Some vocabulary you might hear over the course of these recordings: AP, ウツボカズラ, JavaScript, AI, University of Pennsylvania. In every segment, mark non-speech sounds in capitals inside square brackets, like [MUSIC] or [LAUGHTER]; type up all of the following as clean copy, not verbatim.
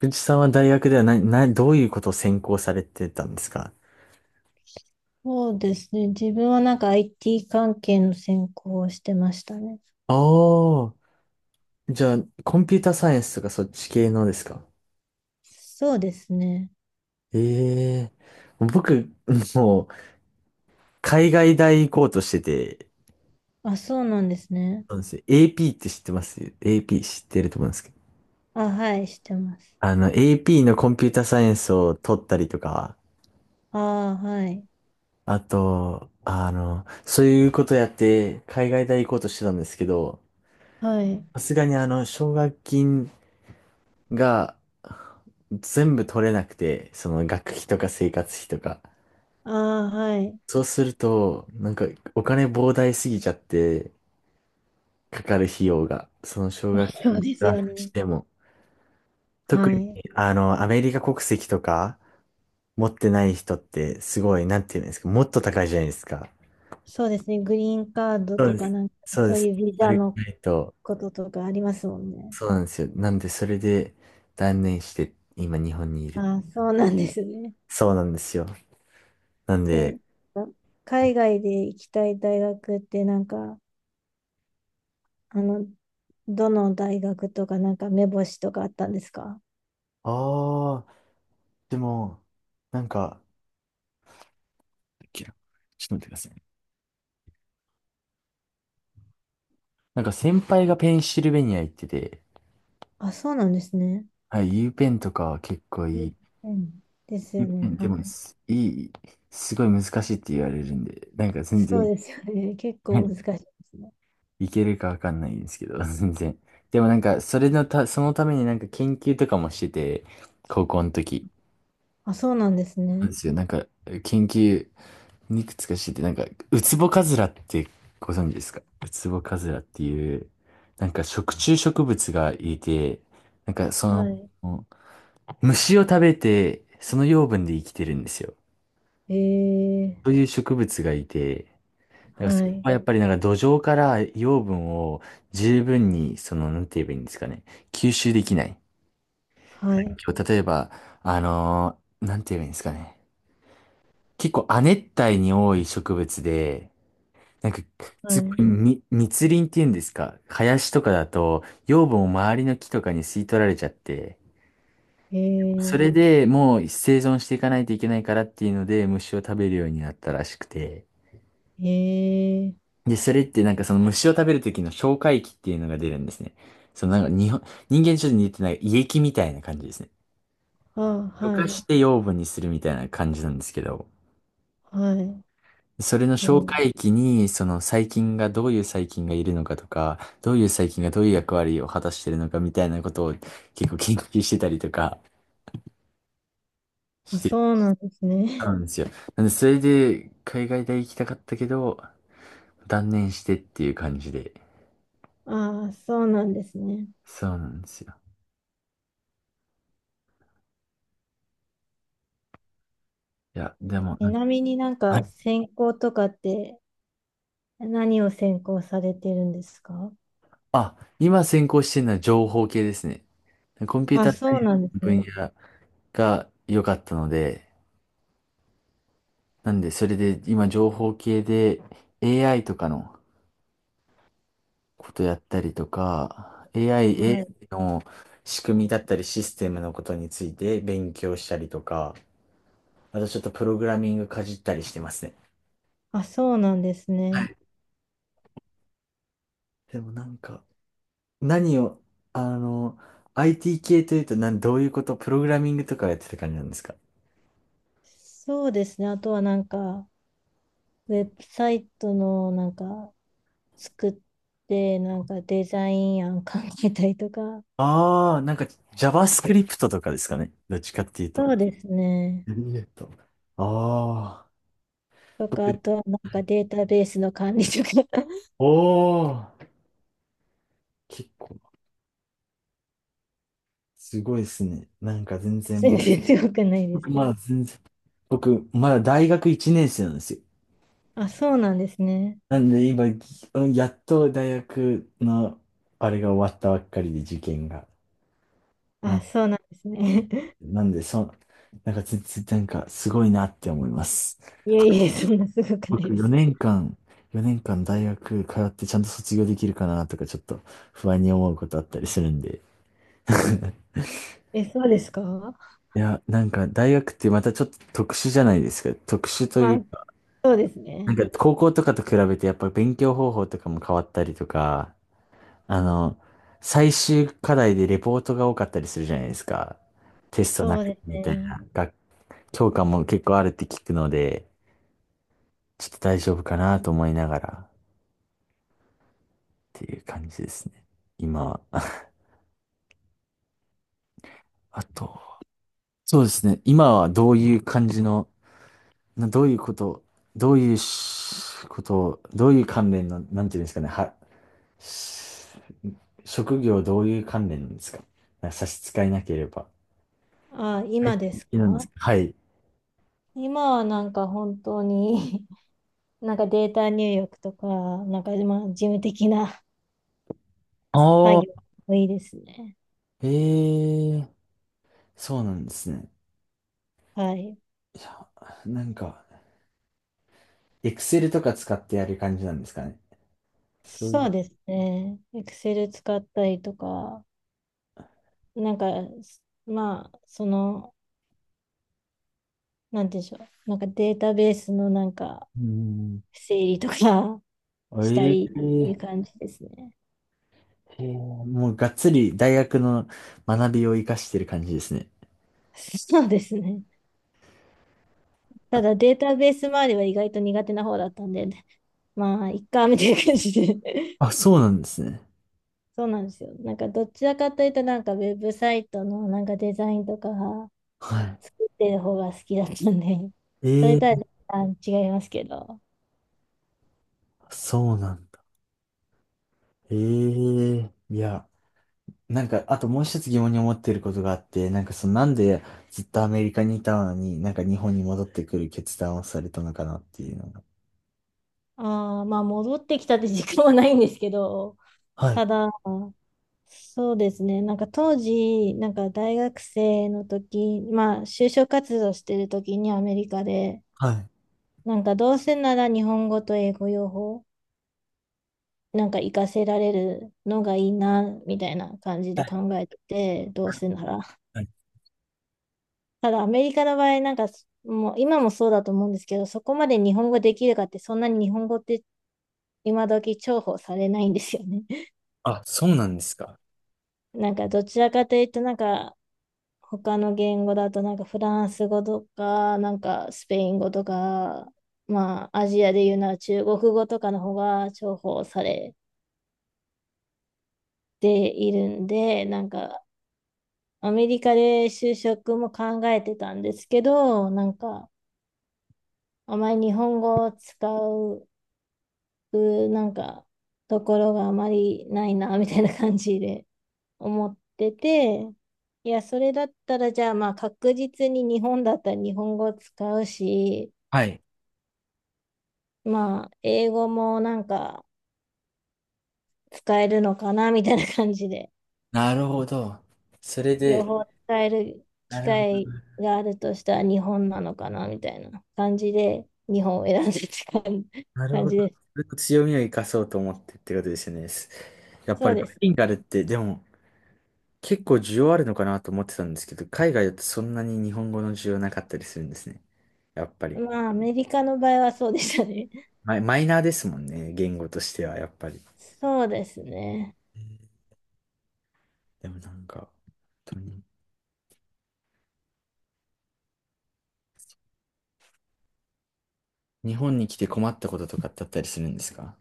くじさんは大学ではどういうことを専攻されてたんですか？そうですね。自分はなんか IT 関係の専攻をしてましたね。ああー、じゃあ、コンピュータサイエンスとかそっち系のですか？そうですね。ええ、僕、もう、海外大行こうとしてて、あ、そうなんですね。そうなんですよ。AP って知ってます？ AP 知ってると思うんですけど。あ、はい、してます。AP のコンピュータサイエンスを取ったりとか、あー、はい。あと、そういうことやって、海外大行こうとしてたんですけど、はい。さすがに奨学金が、全部取れなくて、その学費とか生活費とか。あー、はい。そうすると、なんかお金膨大すぎちゃって、かかる費用が、その [LAUGHS] 奨あ、学そ金うでプすラよスしね。ても。特はに、い。アメリカ国籍とか持ってない人って、すごい、なんていうんですか、もっと高いじゃないですか。そうですね。グリーンカードそうとでかす。なんか、そうそでうす。いうビそザれがのないと、こととかありますもんね。そうなんですよ。なんで、それで断念して、今日本にいる。あ、そうなんですね。そうなんですよ。なんで、え、海外で行きたい大学ってなんか、あの、どの大学とかなんか目星とかあったんですか？ああ、でも、なんか、ちょっと待ってくださいね。なんか先輩がペンシルベニア行ってて、あ、そうなんですね。はい、U ペンとかは結構ういんい。うん、です U よペンね。はでもい。い、すごい難しいって言われるんで、なんか全そう然、ですよね。[LAUGHS] 結は構い、難しいですね。いけるかわかんないんですけど、[LAUGHS] 全然。でもなんか、そのためになんか研究とかもしてて、高校の時。あ、そうなんですなんでね。すよ。なんか、研究、いくつか知って、なんか、ウツボカズラってご存知ですか？ウツボカズラっていう、なんか食虫植物がいて、なんかそはの、虫を食べて、その養分で生きてるんですよ。い。えー、そういう植物がいて、なんかそはれい。はやっぱりなんか土壌から養分を十分に、その、なんて言えばいいんですかね、吸収できない。はい。今日例えば、なんて言えばいいんですかね。結構亜熱帯に多い植物で、なんか、すごいはみ、密林っていうんですか。林とかだと、養分を周りの木とかに吸い取られちゃって、い。そえれでもう生存していかないといけないからっていうので、虫を食べるようになったらしくて。ー、えー、で、それってなんかその虫を食べる時の消化液っていうのが出るんですね。そのなんか人間にちょっと似てない胃液みたいな感じですね。あ、溶はかい。して養分にするみたいな感じなんですけど。はい。それのえ紹ー、介期に、その細菌がどういう細菌がいるのかとか、どういう細菌がどういう役割を果たしているのかみたいなことを結構研究してたりとかあ、してそうなんですたね。んですよ。なんで、それで海外大行きたかったけど、断念してっていう感じで。[LAUGHS] あ、そうなんですね。そうなんですよ。いや、でも、ちなんか、なみになんはかい。専攻とかって何を専攻されてるんですか？あ、今専攻してるのは情報系ですね。コンピュータあ、ーサそイうエンなんスでのす分野ね。が良かったので、なんで、それで今情報系で AI とかのことやったりとか、AI、はい。AI の仕組みだったりシステムのことについて勉強したりとか、あとちょっとプログラミングかじったりしてますね。あ、そうなんですね。でもなんか、何を、あの、IT 系というとどういうこと、プログラミングとかやってた感じなんですか？そうですね。あとはなんか、ウェブサイトのなんか作って、なんかデザイン案考えたりとか、ああー、なんか JavaScript とかですかね。どっちかっていうと。そうですね。えっと、ああ。とか、あとはなんかデータベースの管理とか、おお、結構、すごいですね。なんか全 [LAUGHS] 然全然強くないです僕けまだど。全然、僕まだ大学1年生なんですよ。あ、そうなんですね。なんで今、やっと大学のあれが終わったばっかりで受験が。なあ、ん、そうなんですね。[LAUGHS] なんで、そ、なんか全然なんかすごいなって思います。いえいえ、そんなすごくない僕ですよ。4年間、4年間大学通ってちゃんと卒業できるかなとかちょっと不安に思うことあったりするんで。[LAUGHS] え、そうですか？いや、なんか大学ってまたちょっと特殊じゃないですか。特殊という、あ、そうですなんね。か高校とかと比べてやっぱ勉強方法とかも変わったりとか、あの、最終課題でレポートが多かったりするじゃないですか。テストなそうくてですみたいね。な。教科も結構あるって聞くので、ちょっと大丈夫かなと思いながらっていう感じですね。今は。[LAUGHS] あと、そうですね。今はどういう感じの、などういうこと、どういう関連の、なんていうんですかね。し職業どういう関連ですか？なんか差し支えなければ。あ、はい。今ですいいなんですか？か？はい。今はなんか本当に [LAUGHS] なんかデータ入力とか、なんかまあ事務的なあ作業あ。もいいですね。ええ、そうなんですね。はい。いや、なんか、エクセルとか使ってやる感じなんですかね。そういそう。うですね。Excel 使ったりとか、なんか、まあ、なんていうんでしょう。なんかデータベースのなんかうん。整理とか [LAUGHS] したえりっていうえ、感じですね。へえ、もうがっつり大学の学びを活かしてる感じですね。そうですね。ただデータベース周りは意外と苦手な方だったんで、まあ、いっか、みたいな感じで。あ、そうなんですね。そうなんですよ。なんかどちらかというとなんかウェブサイトのなんかデザインとかは作ってる方が好きだったんで、い。[LAUGHS] そえれえ、とは若干違いますけど。そうなんだ。ええ、いや、なんか、あともう一つ疑問に思ってることがあって、なんかその、なんでずっとアメリカにいたのに、なんか日本に戻ってくる決断をされたのかなっていうのが。ああ、まあ戻ってきたって時間はないんですけど、はい。ただ、そうですね、なんか当時、なんか大学生の時、まあ就職活動してる時にアメリカで、はい。なんかどうせなら日本語と英語両方、なんか活かせられるのがいいな、みたいな感じで考えてて、どうせなら。ただアメリカの場合、なんか、もう今もそうだと思うんですけど、そこまで日本語できるかって、そんなに日本語って今時重宝されないんですよね。[LAUGHS] あ、そうなんですか。なんかどちらかというと、なんか他の言語だと、なんかフランス語とか、なんかスペイン語とか、まあアジアでいうなら中国語とかの方が重宝されているんで、なんかアメリカで就職も考えてたんですけど、なんかあまり日本語を使うくなんかところがあまりないなみたいな感じで思ってて、いや、それだったらじゃあまあ確実に日本だったら日本語使うし、はい。まあ英語もなんか使えるのかなみたいな感じで、なるほど。それ両で、方使える機なるほど。会があるとしたら日本なのかなみたいな感じで日本を選んでって感じなる感ほど。じです。それと強みを生かそうと思ってってことですよね。やっぱそうりバイです。リンガルって、でも結構需要あるのかなと思ってたんですけど、海外だとそんなに日本語の需要なかったりするんですね。やっぱり。まあアメリカの場合はそうでしたね。マイナーですもんね。言語としては、やっぱり。そうですね。でもなんか、本当に日本に来て困ったこととかってあったりするんですか？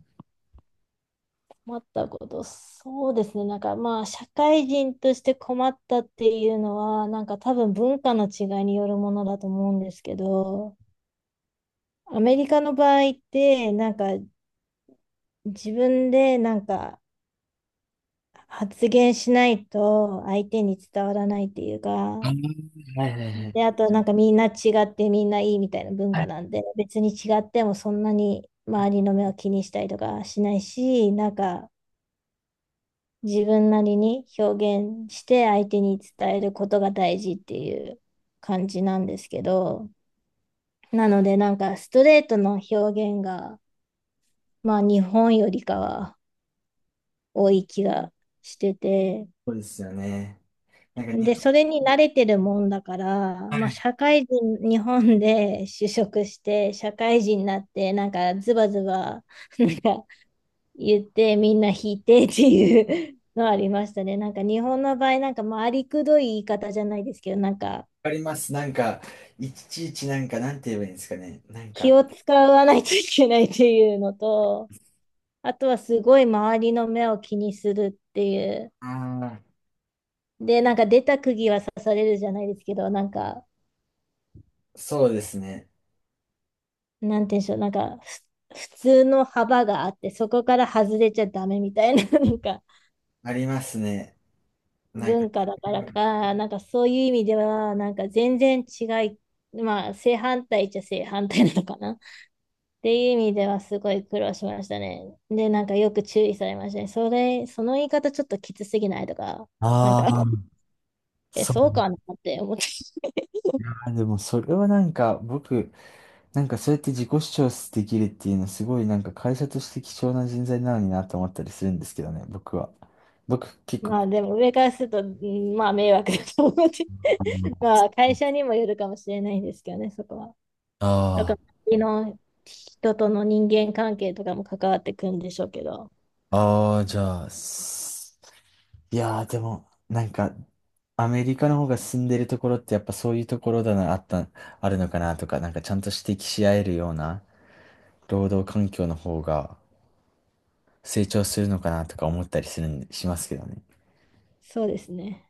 困ったこと、そうですね。なんかまあ、社会人として困ったっていうのは、なんか多分文化の違いによるものだと思うんですけど、アメリカの場合って、なんか自分でなんか発言しないと相手に伝わらないっていうか、はいはいはい。で、あとなんかみんな違ってみんないいみたいな文は化い、なんで、別に違ってもそんなに周りの目を気にしたりとかしないし、なんか自分なりに表現して相手に伝えることが大事っていう感じなんですけど、なのでなんかストレートの表現が、まあ日本よりかは多い気がしてて、そうですよね。なんか日で、それに慣れてるもんだから、まあ社会人、日本で就職して社会人になってなんかズバズバなんか言ってみんな引いてっていう [LAUGHS] のありましたね。[LAUGHS] なんか日本の場合、なんかまあありくどい言い方じゃないですけど、なんかわかります。なんか、いちいちなんか、なんて言えばいいんですかね。なん気か、を使わないといけないっていうのと、あとはすごい周りの目を気にするっていう。ああ、で、なんか出た釘は刺されるじゃないですけど、なんか、そうですね。なんて言うんでしょう、なんか普通の幅があって、そこから外れちゃダメみたいな、[LAUGHS] なんかありますね。なんか、文化だからか、なんかそういう意味では、なんか全然違い、まあ正反対っちゃ正反対なのかな。っていう意味ではすごい苦労しましたね。で、なんかよく注意されましたね。その言い方ちょっときつすぎないとか、なんあか、あ、え、そう。そうかなって思って。[LAUGHS] あーでもそれはなんか僕、なんかそうやって自己主張できるっていうのすごいなんか会社として貴重な人材なのになと思ったりするんですけどね、僕は。僕結構。まあでも上からすると、うんまあ迷惑だと思って。[LAUGHS] まあ会社にもよるかもしれないんですけどね、そこは。だあから、周りの人との人間関係とかも関わってくるんでしょうけど、あ、ああ、じゃあ、いやー、でも、なんか、アメリカの方が住んでるところってやっぱそういうところだな、あった、あるのかなとか、なんかちゃんと指摘し合えるような労働環境の方が成長するのかなとか思ったりするん、しますけどね。そうですね。